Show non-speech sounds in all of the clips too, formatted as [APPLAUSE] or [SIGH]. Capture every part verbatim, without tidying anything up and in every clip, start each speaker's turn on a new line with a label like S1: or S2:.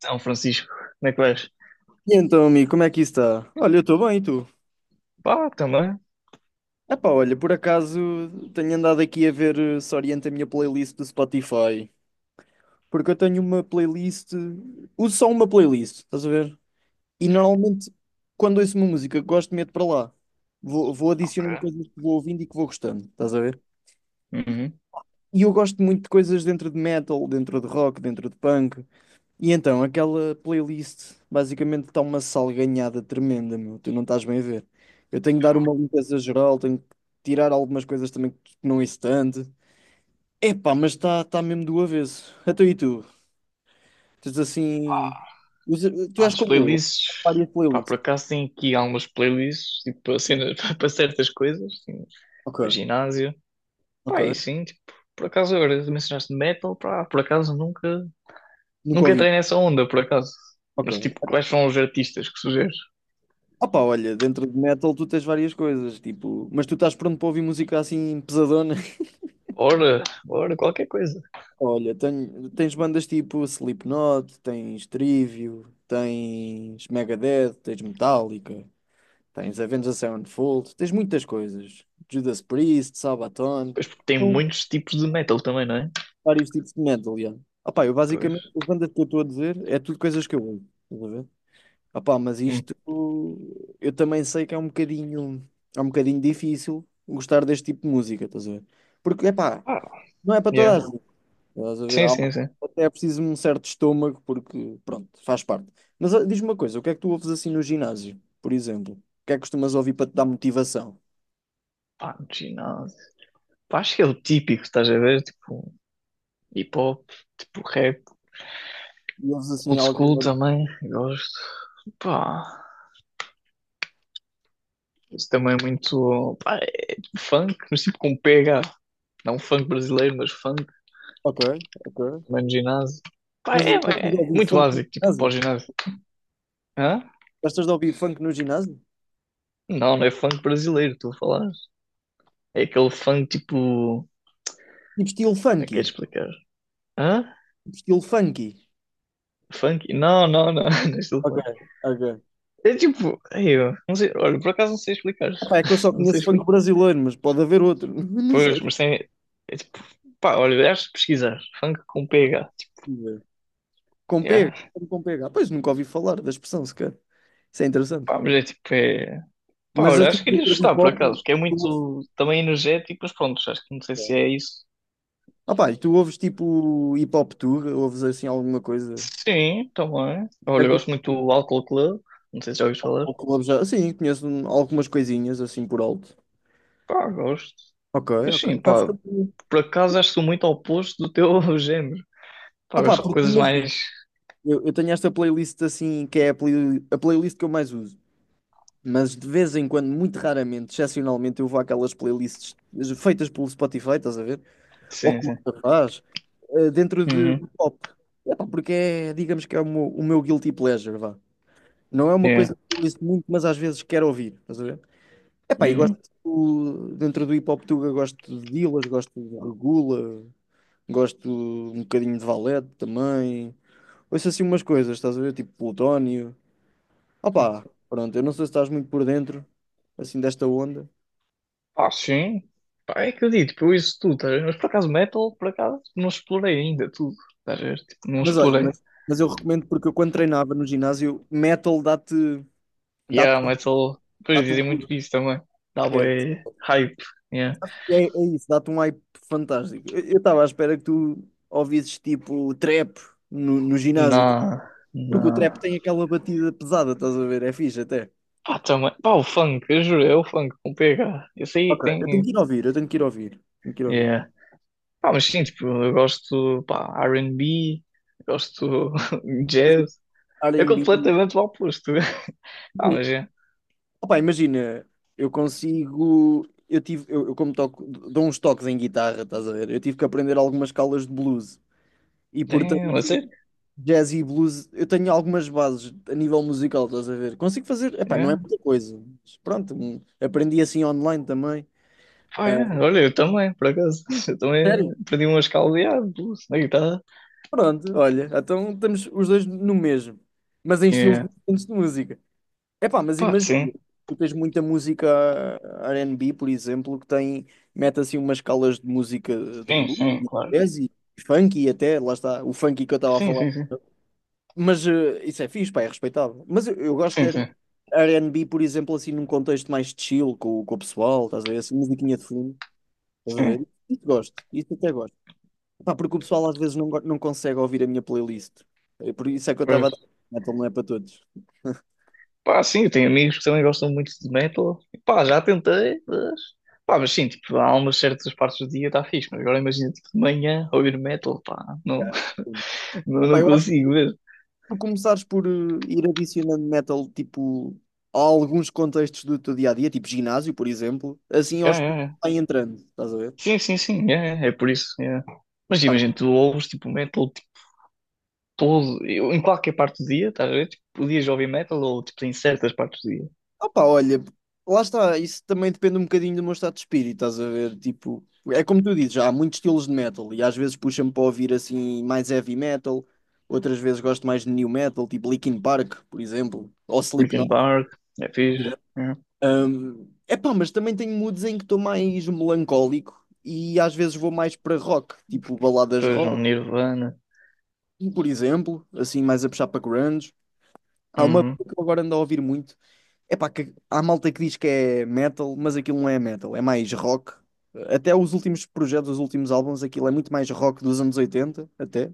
S1: São Francisco, como é que vais?
S2: E então, amigo, como é que isso está? Olha, eu estou bem, e tu?
S1: Pá, também.
S2: Epá, olha, por acaso tenho andado aqui a ver eh, se orienta a minha playlist do Spotify. Porque eu tenho uma playlist, uso só uma playlist, estás a ver? E normalmente, quando ouço uma música que gosto, meto para lá. Vou, vou
S1: Ok.
S2: adicionando coisas que vou ouvindo e que vou gostando, estás a ver?
S1: Uhum.
S2: E eu gosto muito de coisas dentro de metal, dentro de rock, dentro de punk. E então, aquela playlist basicamente está uma salganhada tremenda, meu. Tu não estás bem a ver. Eu tenho que dar uma limpeza geral, tenho que tirar algumas coisas também que não é tanto. Epá, mas está tá tá mesmo do avesso. Até e tu? Tens assim.
S1: Pá,
S2: usa- Tu
S1: Pá,
S2: és
S1: nas
S2: como eu,
S1: playlists.
S2: várias
S1: Pá, por
S2: playlists.
S1: acaso tem aqui algumas playlists, tipo, para cenas- [LAUGHS] para certas coisas, assim, para
S2: Ok,
S1: ginásio.
S2: ok.
S1: Pá, e sim, tipo, por acaso agora mencionaste metal, pá, por acaso nunca,
S2: Nunca
S1: nunca
S2: ouvi.
S1: entrei nessa onda, por acaso.
S2: Ok.
S1: Mas tipo, quais são os artistas que sugeres?
S2: Opa, olha, dentro de metal tu tens várias coisas, tipo, mas tu estás pronto para ouvir música assim pesadona?
S1: Ora, ora, qualquer coisa.
S2: Olha, tenho- tens bandas tipo Slipknot, tens Trivium, tens Megadeth, tens Metallica, tens Avenged Sevenfold, tens muitas coisas. Judas Priest, Sabaton,
S1: Pois porque tem
S2: são
S1: muitos tipos de metal também, não é?
S2: vários tipos de metal, aliás. Ah pá, eu
S1: Pois.
S2: basicamente, as bandas que eu estou a dizer, é tudo coisas que eu ouço, estás a ver? Ah pá, mas
S1: Hum.
S2: isto, eu também sei que é um bocadinho, é um bocadinho difícil gostar deste tipo de música, estás a ver? Porque, é pá,
S1: Ah,
S2: não é para toda
S1: yeah.
S2: a gente. Estás a ver?
S1: Sim,
S2: Há-
S1: sim,
S2: um-
S1: sim.
S2: Até é preciso um certo estômago, porque, pronto, faz parte. Mas ó, diz-me uma coisa, o que é que tu ouves assim no ginásio, por exemplo? O que é que costumas ouvir para te dar motivação?
S1: Pá, no ginásio. Pá, acho que é o típico, estás a ver? Tipo, hip hop, tipo rap,
S2: E ouves assim
S1: old school
S2: algo.
S1: também, gosto. Pá, isso também é muito. Pá, é tipo funk, mas tipo com P H. Não funk brasileiro, mas funk,
S2: Ok, ok.
S1: também no ginásio. Pá,
S2: Mas
S1: é,
S2: gostas de
S1: é
S2: ouvir
S1: muito
S2: funk no
S1: básico, tipo para o
S2: ginásio?
S1: ginásio. Hã?
S2: Gostas de ouvir funk no ginásio?
S1: Não, não é funk brasileiro, tu a falar. É aquele funk tipo.
S2: Tipo estilo
S1: Como é
S2: funky.
S1: que é de explicar? Hã?
S2: Tipo estilo funky.
S1: Funk? Não, não, não, [LAUGHS] não é estilo
S2: Ok,
S1: funk.
S2: ok.
S1: É tipo. Ei, eu não sei, olha, por acaso não sei explicar.
S2: Epá, é que eu só
S1: [LAUGHS] Não sei
S2: conheço funk
S1: explicar.
S2: brasileiro, mas pode haver outro. [LAUGHS] Não sei.
S1: Pois, mas tem. É tipo, pá, olha, acho que pesquisar. Funk com P H.
S2: Com pega.
S1: Yeah.
S2: Com pega. Ah, pois nunca ouvi falar da expressão sequer. Isso é interessante.
S1: Pá, mas é tipo, é. Pá,
S2: Mas
S1: olha,
S2: assim,
S1: acho que iria
S2: entre hip
S1: gostar por
S2: hop,
S1: acaso, porque é
S2: tu ouves
S1: muito também energético, mas pronto, acho que não sei se é isso.
S2: ah pá, e tu ouves tipo hip hop tour? Ouves assim alguma coisa?
S1: Sim, também.
S2: É
S1: Olha, eu
S2: que
S1: gosto
S2: tu-
S1: muito do Álcool Club, não sei se já ouviste falar.
S2: Ou clubes já? Sim, conheço um- algumas coisinhas assim por alto.
S1: Pá, gosto.
S2: Ok,
S1: Mas sim,
S2: ok. Sabes que
S1: pá,
S2: eu-
S1: por acaso acho que sou muito ao oposto do teu [LAUGHS] género.
S2: Ah
S1: Pá,
S2: pá,
S1: gosto de
S2: porque
S1: coisas
S2: imagina,
S1: mais.
S2: eu, eu tenho esta playlist assim, que é a, play- a playlist que eu mais uso. Mas de vez em quando, muito raramente, excepcionalmente, eu vou àquelas playlists feitas pelo Spotify, estás a ver? Ou
S1: Sim,
S2: como
S1: sim.
S2: faz, eh, dentro de de
S1: Uhum.
S2: pop. É pá, porque é, digamos que é o meu, o meu guilty pleasure, vá. Não é uma
S1: Yeah.
S2: coisa que eu ouço muito, mas às vezes quero ouvir, estás a ver? Epá, e gosto
S1: Uhum.
S2: do- dentro do hip hop tuga, gosto de Dillaz, gosto de Regula, gosto um bocadinho de Valete também. Ouço assim umas coisas, estás a ver? Tipo Plutónio. Opá, pronto, eu não sei se estás muito por dentro assim desta onda.
S1: Ah, sim. Pá, é que eu digo, tipo, eu isso tudo, tá a ver? Mas por acaso metal, por acaso, não explorei ainda tudo, tá a ver? Tipo, não
S2: Mas olha,
S1: explorei.
S2: mas, mas eu recomendo porque eu quando treinava no ginásio, metal dá-te dá-te
S1: Yeah, metal, depois
S2: dá-te um
S1: dizem muito
S2: boost,
S1: disso também. Dá
S2: que É,
S1: bué hype, yeah.
S2: é, é isso, dá-te um hype fantástico. Eu eu estava à espera que tu ouvisses tipo trap no, no
S1: Na,
S2: ginásio.
S1: na...
S2: Porque o trap tem aquela batida pesada, estás a ver? É fixe até.
S1: Pá, também, pá, o funk, eu juro, é o funk com P H. Eu sei
S2: Ok,
S1: que
S2: eu tenho
S1: tem,
S2: que ir ouvir, eu tenho que ir ouvir. Tenho que ir ouvir.
S1: yeah. Pá, mas sim, tipo, eu gosto, pá, R e B, gosto [LAUGHS]
S2: Mas o
S1: jazz. É
S2: erre e bê.
S1: completamente o oposto. [LAUGHS] Ah,
S2: Sim.
S1: mas é,
S2: Opa, imagina, eu consigo. Eu tive, eu, eu como toco, dou uns toques em guitarra, estás a ver? Eu tive que aprender algumas escalas de blues. E
S1: é, a sério,
S2: portanto, jazz e blues, eu tenho algumas bases a nível musical, estás a ver? Consigo fazer, epá, não é muita coisa. Mas pronto, hum, aprendi assim online também.
S1: Pá,
S2: Ah,
S1: é. Olha, eu também, por acaso. [LAUGHS] Eu também
S2: Sério?
S1: aprendi umas caldeadas na guitarra.
S2: Pronto, olha, então estamos os dois no mesmo, mas em estilos
S1: É.
S2: diferentes de música. Epá, mas
S1: Pá,
S2: imagina,
S1: sim.
S2: tu tens muita música erre e bê, por exemplo, que tem, mete assim umas escalas de música de
S1: Sim,
S2: blues,
S1: sim,
S2: e
S1: claro.
S2: jazz e funky até, lá está, o funk que eu estava a
S1: Sim,
S2: falar.
S1: sim, sim.
S2: Mas eh, isso é fixe, pá, é respeitável. Mas eu, eu gosto
S1: Sim,
S2: de ter
S1: sim,
S2: ar and bi, por exemplo, assim num contexto mais chill com, com o pessoal, estás a ver, assim, musiquinha de fundo, estás a ver?
S1: sim.
S2: Isso gosto, isso até gosto. Pá, porque o pessoal às vezes não, go- não consegue ouvir a minha playlist. É por isso é que eu estava a
S1: Pois.
S2: dizer, metal não é para todos.
S1: Pá, sim, eu tenho amigos que também gostam muito de metal. E, pá, já tentei, mas... Pá, mas sim, tipo, há umas certas partes do dia está fixe, mas agora imagina, tipo, de manhã ouvir metal, pá, não,
S2: Yeah, sim.
S1: [LAUGHS] não,
S2: Pá,
S1: não
S2: eu acho
S1: consigo
S2: que
S1: mesmo.
S2: tu começares por eh, ir adicionando metal tipo a alguns contextos do teu dia a dia, tipo ginásio, por exemplo, assim
S1: Yeah,
S2: aos
S1: yeah,
S2: poucos
S1: yeah.
S2: vai entrando, estás a ver?
S1: Sim, sim, sim, yeah, yeah, é por isso. Yeah. Mas
S2: Pá,
S1: imagina, tu ouves tipo metal todo, eu, em qualquer parte do dia, estás a ver? Tipo, podias ouvir metal ou tipo, em certas partes do dia.
S2: opa, olha, lá está, isso também depende um bocadinho do meu estado de espírito, estás a ver? Tipo, é como tu dizes, há muitos estilos de metal e às vezes puxa-me para ouvir assim mais heavy metal, outras vezes gosto mais de new metal, tipo Linkin Park, por exemplo, ou
S1: Linkin
S2: Slipknot.
S1: Park, é fixe. É.
S2: Um, epá, mas também tenho moods em que estou mais melancólico e às vezes vou mais para rock, tipo baladas
S1: Depois um
S2: rock,
S1: Nirvana,
S2: por exemplo, assim mais a puxar para grunge. Há uma
S1: uhum.
S2: banda que eu agora ando a ouvir muito, epá, que há malta que diz que é metal, mas aquilo não é metal, é mais rock. Até os últimos projetos, os últimos álbuns, aquilo é muito mais rock dos anos oitenta, até,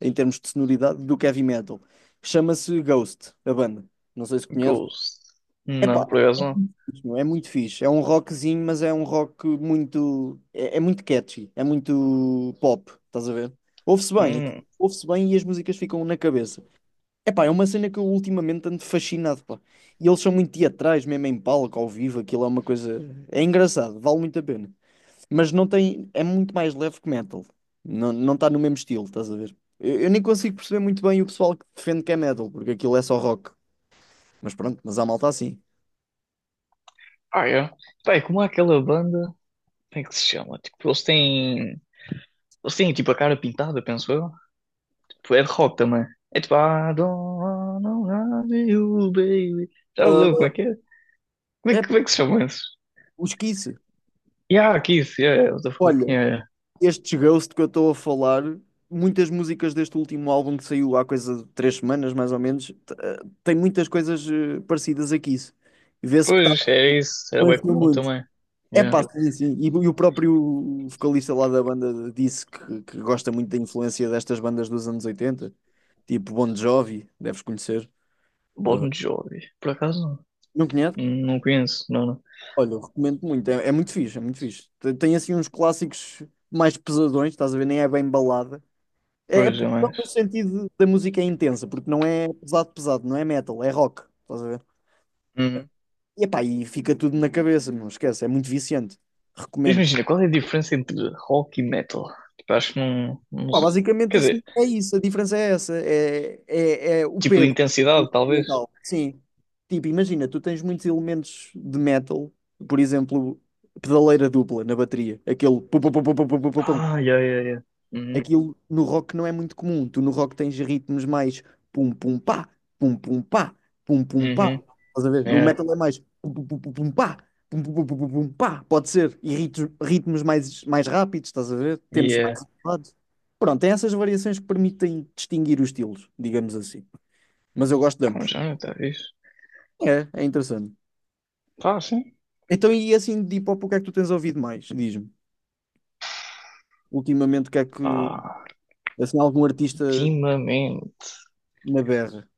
S2: em termos de sonoridade, do que heavy metal. Chama-se Ghost, a banda. Não sei se conhece.
S1: Ghost. Não,
S2: Epá,
S1: por acaso não.
S2: não, é muito fixe. É um rockzinho, mas é um rock muito. É, é muito catchy, é muito pop, estás a ver? Ouve-se bem, aquilo-
S1: Hum.
S2: ouve-se bem e as músicas ficam na cabeça. Epá, é uma cena que eu ultimamente ando fascinado, pá. E eles são muito teatrais, mesmo em palco, ao vivo, aquilo é uma coisa. É engraçado, vale muito a pena. Mas não tem. É muito mais leve que metal. Não, não está no mesmo estilo, estás a ver? Eu, eu nem consigo perceber muito bem o pessoal que defende que é metal, porque aquilo é só rock. Mas pronto, mas há malta assim.
S1: Ah, é. Pá, é como aquela banda, como é que se chama? Tipo, eles têm, eles têm tipo a cara pintada, penso eu. Tipo, é de rock também. É tipo, I don't wanna love you, baby. Já leu
S2: Ah,
S1: como é que é? Como é
S2: é,
S1: que, como é que se chama isso?
S2: os Kiss.
S1: Yeah, Kiss, yeah, yeah, what the fuck,
S2: Olha,
S1: yeah, yeah.
S2: estes Ghost que eu estou a falar, muitas músicas deste último álbum que saiu há coisa de três semanas, mais ou menos, t- eh, tem muitas coisas eh, parecidas a isso. Vê-se que está
S1: Pois, é isso. Era bem
S2: influenciou
S1: comum
S2: muito.
S1: também.
S2: É
S1: Yeah.
S2: pá, sim, sim. E, o e o próprio vocalista lá da banda disse que, que, gosta muito da influência destas bandas dos anos oitenta, tipo Bon Jovi, deves conhecer. Eh,
S1: Bon Jovi. Por acaso não.
S2: Não conhece?
S1: Não conheço, não, não.
S2: Olha, eu recomendo muito. É, é muito fixe, é muito fixe. Tem, tem assim uns clássicos mais pesadões, estás a ver? Nem é bem balada. É, é
S1: Pois, é
S2: pesado no
S1: mais.
S2: sentido da música é intensa, porque não é pesado, pesado, não é metal, é rock. Estás a ver?
S1: Uhum.
S2: E, epá, e fica tudo na cabeça, não esquece, é muito viciante.
S1: Mas
S2: Recomendo.
S1: imagina, qual é a diferença entre rock e metal? Tipo, acho que não, não.
S2: Pá,
S1: se- Quer
S2: basicamente assim,
S1: dizer,
S2: é isso, a diferença é essa, é, é, é o
S1: tipo de
S2: peso
S1: intensidade, talvez.
S2: mental. Sim. Tipo, imagina, tu tens muitos elementos de metal, por exemplo, pedaleira dupla na bateria, aquele pum, pum, pum, pum, pum, pum, pum, pum, pum.
S1: Ah, yeah, yeah, yeah. Uhum.
S2: Aquilo no rock não é muito comum. Tu no rock tens ritmos mais pum pum pá, pum pum pá, pum pum pá.
S1: Uhum.
S2: Estás a ver? No
S1: Yeah.
S2: metal é mais pum pum pum pum pum, pá, pum pum pum pum pum, pum, pá, pode ser. E ritmos, ritmos mais, mais rápidos, estás a ver? Tempos mais
S1: Yeah.
S2: elevados. Pronto, tem essas variações que permitem distinguir os estilos, digamos assim. Mas eu gosto de
S1: Ah, um
S2: ambos.
S1: género, talvez.
S2: É, é interessante.
S1: Tá, sim.
S2: Então, e assim de hip hop, o que é que tu tens ouvido mais? Diz-me. Ultimamente, o que é que.
S1: Ah,
S2: Assim, algum artista
S1: ultimamente.
S2: na berra?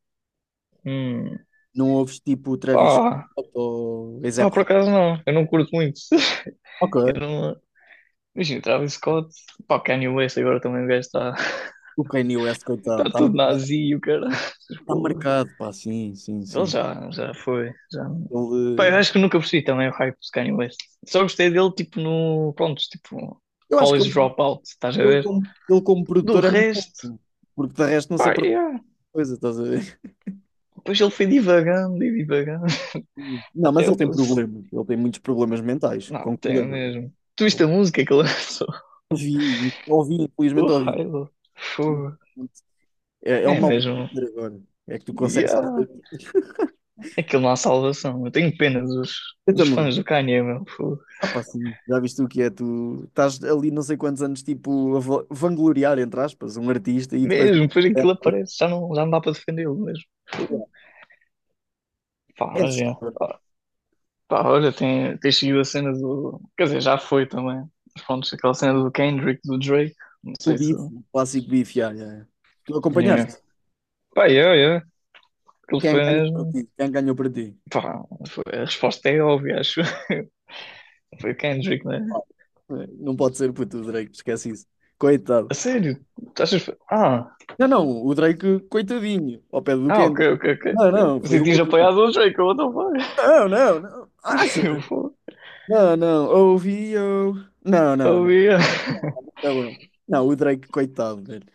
S1: Hum.
S2: Não ouves tipo o Travis
S1: Pá.
S2: Scott ou
S1: Pá,
S2: A$AP
S1: por
S2: Rock?
S1: acaso não. Eu não curto muito. [LAUGHS]
S2: Ok.
S1: Eu não, Imagina, Travis Scott, pá, Kanye West agora também o gajo está [LAUGHS]
S2: O Kanye West, coitado,
S1: está
S2: está
S1: todo
S2: marcado.
S1: nazi e o cara. [LAUGHS]
S2: Está
S1: Porra.
S2: marcado, pá, sim, sim,
S1: Ele
S2: sim.
S1: já, já foi. Já... Pá, eu
S2: Ele,
S1: acho que nunca percebi também o hype do Kanye West. Só gostei dele tipo no. Pronto, tipo,
S2: eu acho que
S1: College
S2: ele,
S1: Dropout, estás a
S2: ele,
S1: ver?
S2: como, ele como
S1: Do
S2: produtor é muito
S1: resto,
S2: bom, porque de resto não se
S1: pá,
S2: aprende
S1: yeah.
S2: coisa, estás a ver?
S1: Depois ele foi divagando e divagando.
S2: [LAUGHS]
S1: [LAUGHS]
S2: Não, mas
S1: Até eu
S2: ele tem
S1: pus.
S2: problemas, ele tem muitos problemas mentais,
S1: Não, tem
S2: concordamos.
S1: mesmo. Tu viste a
S2: Eu
S1: música que ele lançou? [LAUGHS]
S2: ouvi, ouvi,
S1: O
S2: infelizmente ouvi.
S1: raio, fogo.
S2: É, é um
S1: É
S2: mal de
S1: mesmo.
S2: produtor agora, é que tu consegues só.
S1: Yeah. Aquilo não há salvação. Eu tenho pena dos,
S2: Eu
S1: dos
S2: também.
S1: fãs do Kanye, meu. Fogo.
S2: Ah, pá, sim, já viste o que é? Tu estás ali não sei quantos anos, tipo, a va- vangloriar, entre aspas, um artista e depois.
S1: Mesmo, depois
S2: É,
S1: aquilo aparece, já não, já não dá para defendê-lo mesmo. Fogo. Pá,
S2: é, é
S1: mas é.
S2: assustador.
S1: Pá, pá, olha, tem, tem seguido a cena do. Quer dizer, já foi também. Mas pronto, aquela cena do Kendrick, do Drake. Não
S2: O
S1: sei se.
S2: bife, o clássico bife, já, já, já. Tu
S1: É.
S2: acompanhaste?
S1: Pá, é, é. Aquilo
S2: Quem
S1: foi
S2: ganhou para
S1: mesmo.
S2: ti? Quem ganhou para ti?
S1: Pá, foi- a resposta é óbvia, acho. [LAUGHS] Foi o Kendrick, né?
S2: Pá, é, não pode ser puto o Drake, esquece isso. Coitado.
S1: A sério? Tu achas. que foi- Ah,
S2: Não, não, o Drake, coitadinho, ao pé do
S1: ah, ok,
S2: Kendrick.
S1: ok, ok.
S2: Não, não, foi
S1: Você
S2: o
S1: tinha
S2: Kendrick.
S1: apoiado o Drake, what the fuck?
S2: Não, não, não. Acha?
S1: [LAUGHS] Eu vou.
S2: Não, não, ouvi eu. Não, não,
S1: Oh,
S2: não.
S1: yeah.
S2: Tá bom. Não, o Drake, coitado, velho.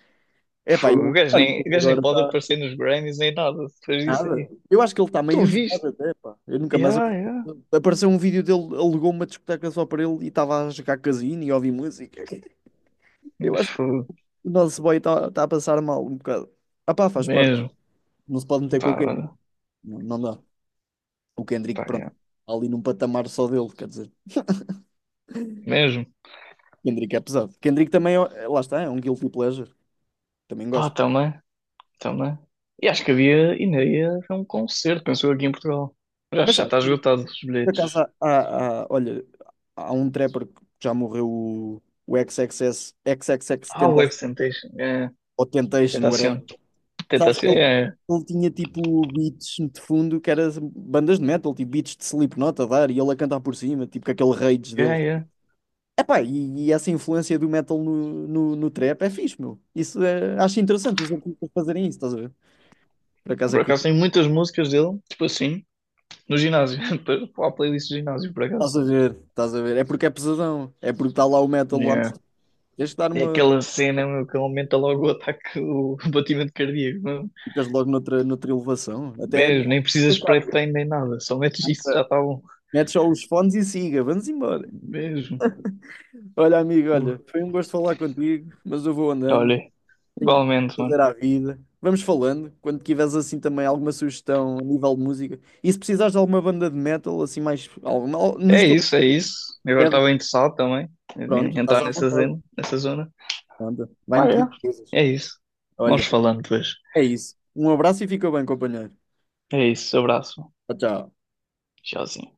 S2: Epá,
S1: Fogo, O
S2: eu,
S1: gajo
S2: olha,
S1: nem, o
S2: como
S1: gajo nem
S2: agora
S1: pode
S2: está
S1: aparecer nos Grammys nem nada depois disso
S2: nada.
S1: aí.
S2: Eu acho que ele está meio
S1: Tu viste?
S2: isolado até, pá. Eu nunca mais.
S1: Yeah, yeah.
S2: Apareceu um vídeo dele, alugou uma discoteca só para ele e estava a jogar casino e a ouvir música. Eu acho que
S1: Fogo.
S2: o nosso boy está está a passar mal um bocado. Ah pá, faz parte.
S1: Mesmo.
S2: Não se pode meter com
S1: Pá,
S2: o Kendrick.
S1: olha.
S2: Não, não dá. O Kendrick,
S1: Pá,
S2: pronto,
S1: yeah.
S2: está ali num patamar só dele, quer dizer.
S1: Mesmo.
S2: Kendrick é pesado. Kendrick também, é- lá está, é um guilty pleasure. Também
S1: Pá,
S2: gosto.
S1: também. Também. E acho que havia, ainda ia haver um concerto, pensou aqui em Portugal. Mas acho
S2: Mas
S1: que já
S2: sabe?
S1: está esgotado os
S2: Por
S1: bilhetes.
S2: acaso, há, há- há- olha, há um trapper que já morreu, o, o xis xis esse, xis xis xis
S1: Ah, o Web
S2: Tentacion,
S1: Temptation. É.
S2: ou Temptation, whatever.
S1: Tentação.
S2: Sabes que
S1: Tentação.
S2: ele,
S1: É.
S2: ele tinha tipo beats de fundo que era bandas de metal, tipo beats de Slipknot a dar e ele a cantar por cima, tipo com aquele rage
S1: É,
S2: dele.
S1: é. é.
S2: Epá, e, e essa influência do metal no, no, no trap é fixe, meu. Isso é, acho interessante os artistas fazerem isso, estás a ver? Por acaso é
S1: Por acaso tem
S2: curioso.
S1: muitas músicas dele, tipo assim, no ginásio. [LAUGHS] Para a playlist do ginásio, por
S2: Estás
S1: acaso.
S2: a ver, estás a ver. É porque é pesadão, é porque está lá o metal lá.
S1: é
S2: Tens que dar
S1: É
S2: uma.
S1: aquela cena, meu, que aumenta logo o ataque, o [LAUGHS] batimento cardíaco, meu.
S2: Ficas logo noutra, noutra elevação. Até é
S1: Mesmo, nem precisas
S2: a
S1: de
S2: carga.
S1: pré-treino nem nada, só metes isso, já está bom.
S2: Mete só os fones e siga. Vamos embora.
S1: Mesmo.
S2: Olha, amigo,
S1: Uh,
S2: olha, foi um gosto falar contigo, mas eu vou andando.
S1: olha,
S2: Tenho que
S1: igualmente, mano.
S2: fazer à vida. Vamos falando. Quando tiveres assim também alguma sugestão a nível de música. E se precisares de alguma banda de metal, assim mais. Alguma, al- no
S1: É
S2: estilo de
S1: isso, é isso. Eu agora
S2: pedra,
S1: estava interessado também
S2: pronto,
S1: em
S2: estás
S1: entrar
S2: à
S1: nessa
S2: vontade.
S1: zona, nessa zona.
S2: Pronto.
S1: Pá,
S2: Vai-me
S1: é.
S2: pedir coisas.
S1: É isso. Vamos
S2: Olha,
S1: falando depois.
S2: é isso. Um abraço e fica bem, companheiro.
S1: É isso, abraço.
S2: Tchau, tchau.
S1: Tchauzinho.